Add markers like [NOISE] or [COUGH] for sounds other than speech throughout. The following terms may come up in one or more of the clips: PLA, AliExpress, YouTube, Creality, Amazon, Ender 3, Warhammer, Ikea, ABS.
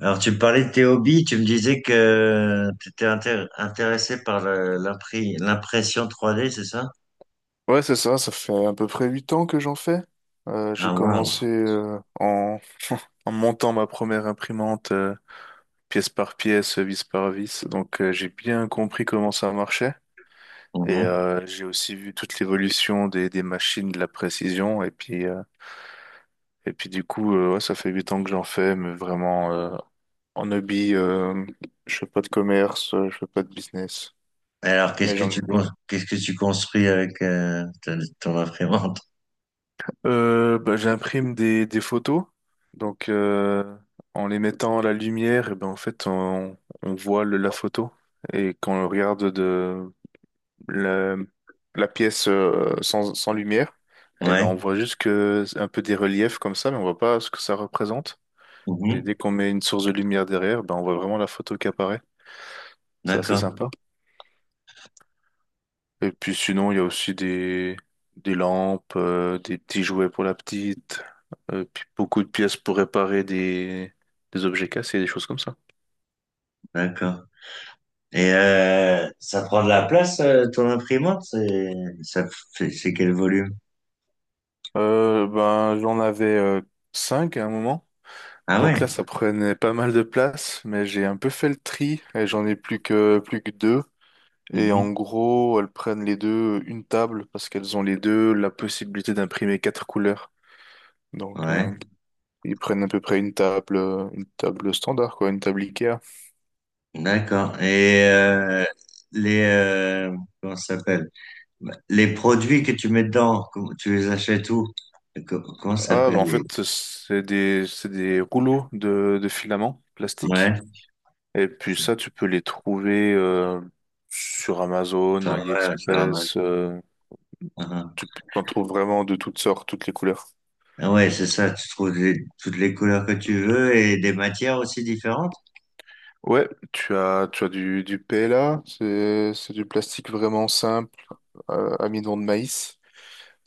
Alors, tu me parlais de tes hobbies, tu me disais que tu étais intéressé par l'impression trois d, c'est ça? Ouais, c'est ça, ça fait à peu près 8 ans que j'en fais. Ah, J'ai waouh. commencé en montant ma première imprimante pièce par pièce, vis par vis, donc j'ai bien compris comment ça marchait. Et Mhm. J'ai aussi vu toute l'évolution des, machines, de la précision, et puis du coup, ouais, ça fait 8 ans que j'en fais, mais vraiment en hobby, je fais pas de commerce, je fais pas de business. Alors, qu'est-ce Mais que j'en qu'est-ce que tu construis avec ton imprimante? Bah, j'imprime des, photos. Donc, en les mettant à la lumière, et ben, en fait, on, voit la photo. Et quand on regarde de la, la, pièce sans lumière, et ben, Ouais. on voit juste que c'est un peu des reliefs comme ça, mais on voit pas ce que ça représente. Et dès Mhm. qu'on met une source de lumière derrière, ben, on voit vraiment la photo qui apparaît. C'est assez D'accord, sympa. Et puis sinon, il y a aussi des, lampes, des petits jouets pour la petite, puis beaucoup de pièces pour réparer des objets cassés, des choses comme ça. d'accord. Et ça prend de la place, ton imprimante? Ça, c'est quel volume? Ben, j'en avais cinq à un moment. Ah Donc ouais. là, ça prenait pas mal de place, mais j'ai un peu fait le tri et j'en ai plus que deux. Et Mhm. en gros, elles prennent les deux une table parce qu'elles ont les deux la possibilité d'imprimer quatre couleurs. Donc Ouais, ils prennent à peu près une table standard quoi, une table Ikea. d'accord. Et les, comment ça s'appelle? Les produits que tu mets dedans, tu les achètes où? Comment ça Ah, s'appelle bah, en les... fait, c'est des, rouleaux de filaments plastiques. Ouais, Et puis ça, tu peux les trouver sur Amazon, ça, ouais, sur AliExpress. Amazon. Ah, ah. T'en trouves vraiment de toutes sortes, toutes les couleurs. Ah ouais, c'est ça, tu trouves toutes les couleurs que tu veux et des matières aussi différentes? Ouais, tu as du, PLA, c'est du plastique vraiment simple, amidon de maïs.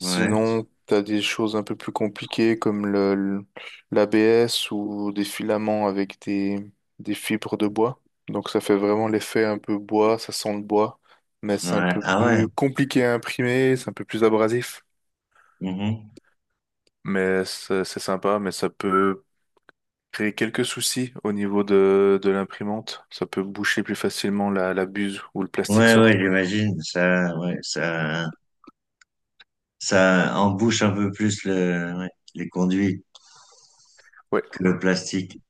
Ouais, t'as des choses un peu plus compliquées comme le, l'ABS ou des filaments avec des fibres de bois. Donc ça fait vraiment l'effet un peu bois, ça sent le bois, mais c'est un ouais, peu ah ouais. plus compliqué à imprimer, c'est un peu plus abrasif. Mhm. Mais c'est sympa, mais ça peut créer quelques soucis au niveau de, l'imprimante. Ça peut boucher plus facilement la buse où le plastique Ouais, sort. ouais, j'imagine, ça, ouais, ça embouche un peu plus le, ouais, les conduits Ouais. que le plastique.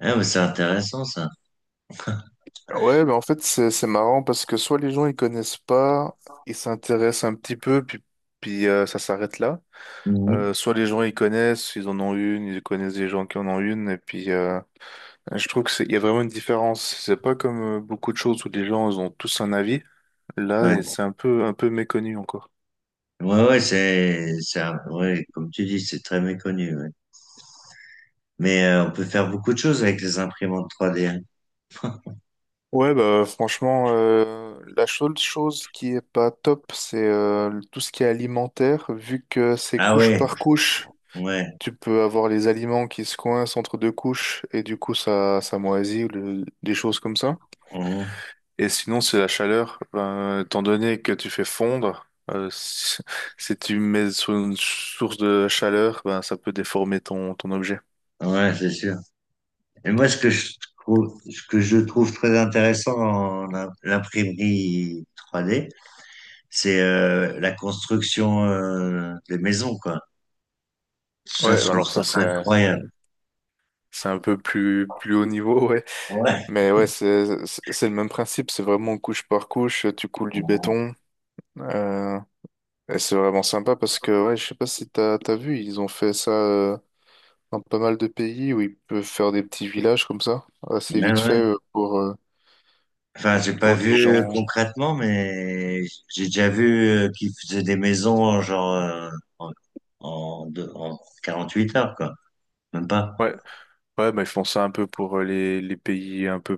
Ah, mais c'est intéressant, ça. Ouais, mais en fait, c'est marrant parce que soit les gens ils connaissent pas, ils s'intéressent un petit peu, puis, ça s'arrête là. Mhm. Soit les gens ils connaissent, ils en ont une, ils connaissent des gens qui en ont une, et puis je trouve que il y a vraiment une différence. C'est pas comme beaucoup de choses où les gens ils ont tous un avis. Là, et Ouais, c'est un peu méconnu encore. ouais, ouais, comme tu dis, c'est très méconnu, ouais. Mais on peut faire beaucoup de choses avec les imprimantes 3D, hein. Ouais, bah franchement, la seule chose qui est pas top, c'est tout ce qui est alimentaire, vu que c'est Ah couche ouais, par couche. ouais, Tu peux avoir les aliments qui se coincent entre deux couches et du coup ça, ça moisit ou des choses comme ça. mhm. Et sinon, c'est la chaleur. Ben, étant donné que tu fais fondre, si, [LAUGHS] si tu mets sur une source de chaleur, ben, ça peut déformer ton, objet. Ouais, c'est sûr. Et moi, ce que je trouve très intéressant en l'imprimerie 3D, c'est la construction des maisons, quoi. Ouais, Ça, je trouve alors ça ça, c'est, incroyable. c'est un peu plus haut niveau, [LAUGHS] ouais. Ouais, Mais ouais, c'est le même principe, c'est vraiment couche par couche, tu coules du béton. euh, et c'est vraiment sympa parce que ouais, je sais pas si t'as vu, ils ont fait ça dans pas mal de pays où ils peuvent faire des petits villages comme ça, assez ouais, vite fait ouais. Pour euh, Enfin, j'ai pas pour des vu gens. concrètement, mais j'ai déjà vu qu'ils faisaient des maison genre en, en 48 heures, quoi. Même pas. Ouais, ouais, bah, ils font ça un peu pour les, pays un peu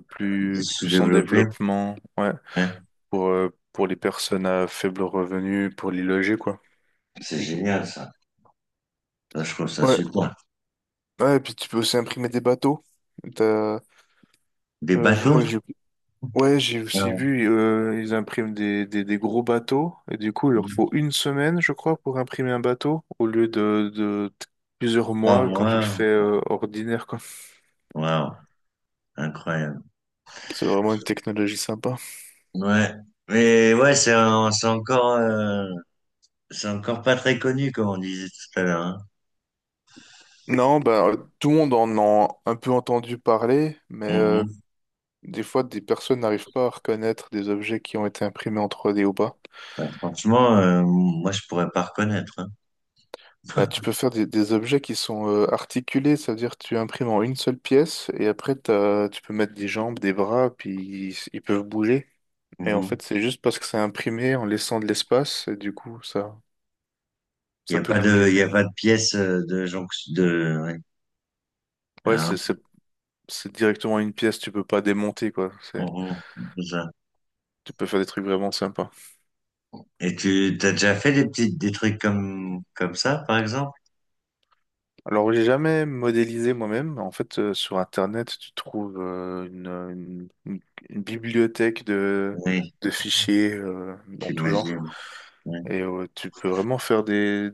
C'est plus en sous-développé, développement, ouais, hein. pour les personnes à faible revenu, pour les loger, quoi. C'est Et- génial, ça. Là, je trouve ça Ouais, super. ouais, et puis tu peux aussi imprimer des bateaux. T'as- Des je bateaux? crois que j'ai Ouais, j'ai aussi Ah, vu, ils impriment des, gros bateaux, et du coup, il leur faut une semaine, je crois, pour imprimer un bateau, au lieu de plusieurs Trois mois quand tu le mois. fais, ordinaire, quoi. Waouh, incroyable. C'est vraiment une technologie sympa. Ouais. Mais ouais, c'est encore pas très connu, comme on disait tout à l'heure, hein. Non, bah, tout le monde en a un peu entendu parler, mais Mhm. des fois, des personnes n'arrivent pas à reconnaître des objets qui ont été imprimés en 3D ou pas. Ouais, franchement, moi, je pourrais pas reconnaître, hein. Bah, tu peux faire des, objets qui sont articulés, ça veut dire que tu imprimes en une seule pièce et après tu peux mettre des jambes, des bras, puis ils, peuvent bouger. Et en Mhm. fait, c'est juste parce que c'est imprimé en laissant de l'espace et du coup, ça, ça peut bouger, Il y quoi. a pas de pièce ouais. Ouais, Ah, c'est directement une pièce, tu peux pas démonter, quoi. C'est, mhm. C'est ça. tu peux faire des trucs vraiment sympas. Et t'as déjà fait des petites, des trucs comme, comme ça, par exemple? Alors, j'ai jamais modélisé moi-même. En fait, sur Internet, tu trouves une bibliothèque de, Oui, de fichiers dans tout genre. j'imagine. Ouais. Et tu peux vraiment faire des.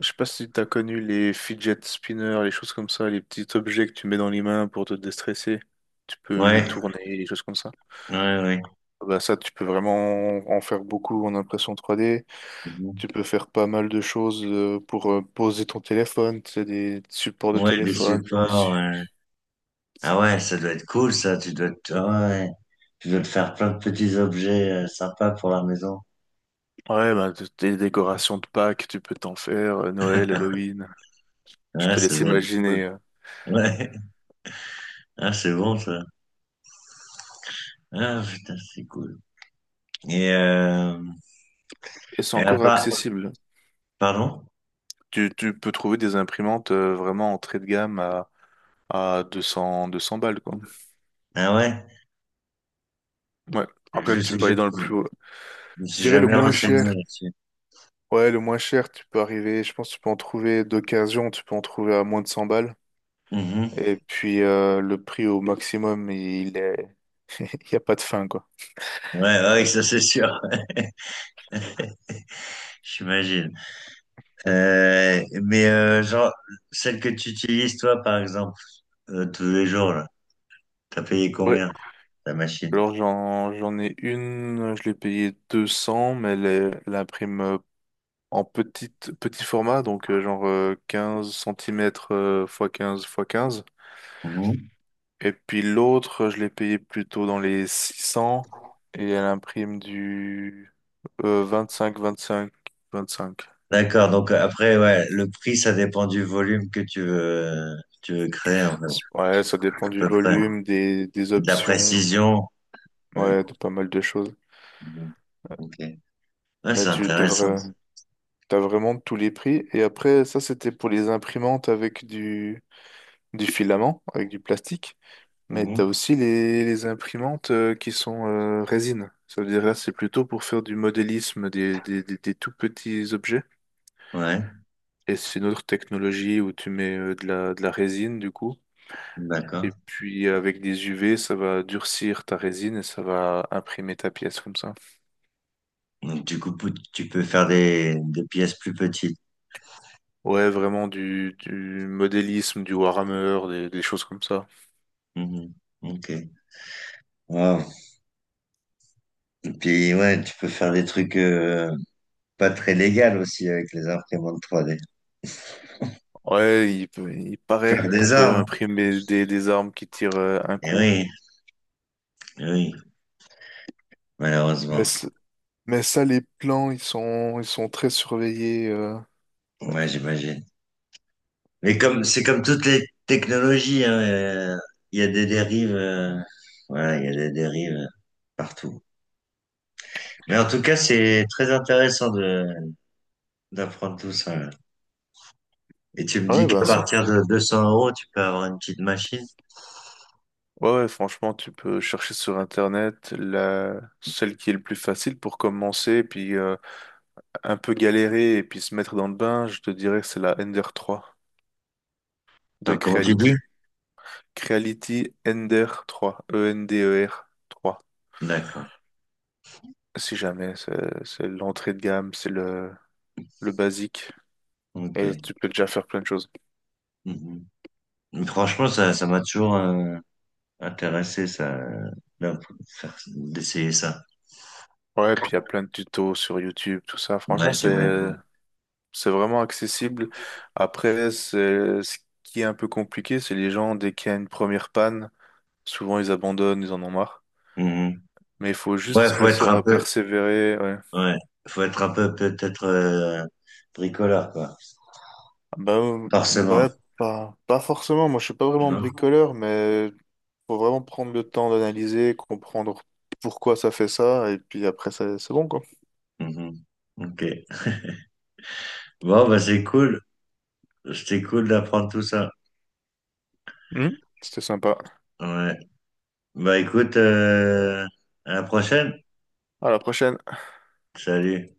Je sais pas si tu as connu les fidget spinners, les choses comme ça, les petits objets que tu mets dans les mains pour te déstresser. Tu peux les Ouais. tourner, les choses comme ça. Ouais, ouais. Bah ça, tu peux vraiment en faire beaucoup en impression 3D. Mhm. Tu peux faire pas mal de choses pour poser ton téléphone, tu sais, des supports de Ouais, des téléphone. supports, Dessus ouais. Ah ouais, ça doit être cool, ça. Tu dois te... ah ouais. Tu dois te faire plein de petits objets sympas pour la maison. Ouais, bah, des décorations de Pâques, tu peux t'en faire, Noël, Halloween. Je Ouais, te ça laisse doit être cool. imaginer. Ouais. Ah, c'est bon, ça. Ah, putain, c'est cool. Et, euh... Et c'est et à encore part... accessible. Pardon? Tu peux trouver des imprimantes vraiment entrée de gamme à 200, 200 balles, quoi. Ah ouais? Ouais. Après, tu peux Je aller dans le plus haut. me Je suis dirais le jamais moins renseigné cher. là-dessus. Ouais, le moins cher, tu peux arriver, je pense que tu peux en trouver d'occasion, tu peux en trouver à moins de 100 balles. Mhm. Et puis le prix au maximum, il n'y a pas de fin, quoi. Ouais, ouais, ça c'est sûr, [LAUGHS] j'imagine. Mais genre, celle que tu utilises toi, par exemple, tous les jours, là, t'as payé Ouais. combien? La machine. Alors j'en ai une, je l'ai payée 200, mais elle imprime en petit format, donc genre 15 cm fois 15 fois 15. Mhm. Et puis l'autre, je l'ai payée plutôt dans les 600 et elle imprime du 25, 25, 25. D'accord, donc après, ouais, le prix, ça dépend du volume que tu veux créer, en fait, Ouais, ça à dépend du peu près. volume, des, De la options, précision. Ouais. ouais, de pas mal de choses. Mhm. Ok. Ouais, Mais c'est tu intéressant. devrais, T'as vraiment de tous les prix. Et après, ça, c'était pour les imprimantes avec du, filament, avec du plastique. Mais t'as Mhm. aussi les imprimantes qui sont résine. Ça veut dire là, c'est plutôt pour faire du modélisme des, tout petits objets. Ouais, Et c'est une autre technologie où tu mets de la résine, du coup. Et d'accord. puis, avec des UV, ça va durcir ta résine et ça va imprimer ta pièce comme ça. Donc, du coup, tu peux faire des pièces plus petites. Ouais, vraiment du, modélisme, du Warhammer, des choses comme ça. Mhm. Ok. Wow. Et puis, ouais, tu peux faire des trucs pas très légaux aussi avec les imprimantes 3D. Ouais, il paraît Faire qu'on des peut armes. imprimer des armes qui tirent un Eh coup. oui, eh oui, malheureusement. Mais, c- mais ça, les plans, ils sont très surveillés. Ouais, j'imagine. Mais comme c'est comme toutes les technologies, hein, il y a des dérives, voilà, il y a des dérives partout. Mais en tout cas, c'est très intéressant de d'apprendre tout ça, là. Et tu me dis Ouais, qu'à partir de 200 euros, tu peux avoir une petite machine. Ouais, ouais, franchement, tu peux chercher sur Internet celle qui est le plus facile pour commencer, puis un peu galérer et puis se mettre dans le bain. Je te dirais que c'est la Ender 3 de Attends, comment tu dis? Creality. Creality Ender 3, Ender 3. D'accord. Si jamais, c'est l'entrée de gamme, c'est le basique. Ok. Et tu peux déjà faire plein de choses. Mhm. Mais franchement, ça m'a toujours intéressé, ça, d'en- d'essayer ça. Ouais, puis il y a plein de tutos sur YouTube, tout ça. Ouais, Franchement, j'imagine. c'est vraiment accessible. Après, c'est ce qui est un peu compliqué, c'est les gens, dès qu'il y a une première panne, souvent ils abandonnent, ils en ont marre. Mhm. Mais il faut Ouais, juste faut être réussir un à peu, persévérer. Ouais. ouais, faut être un peu peut-être bricoleur, quoi. Bah, Forcément, ouais, pas, pas forcément. Moi, je suis pas vraiment hein. bricoleur, mais faut vraiment prendre le temps d'analyser, comprendre pourquoi ça fait ça, et puis après, c'est bon, quoi. Mhm. Ok. Bon, bah c'est cool. C'était cool d'apprendre tout ça. Mhm. C'était sympa. Ouais. Bah écoute, à la prochaine. À la prochaine. Salut.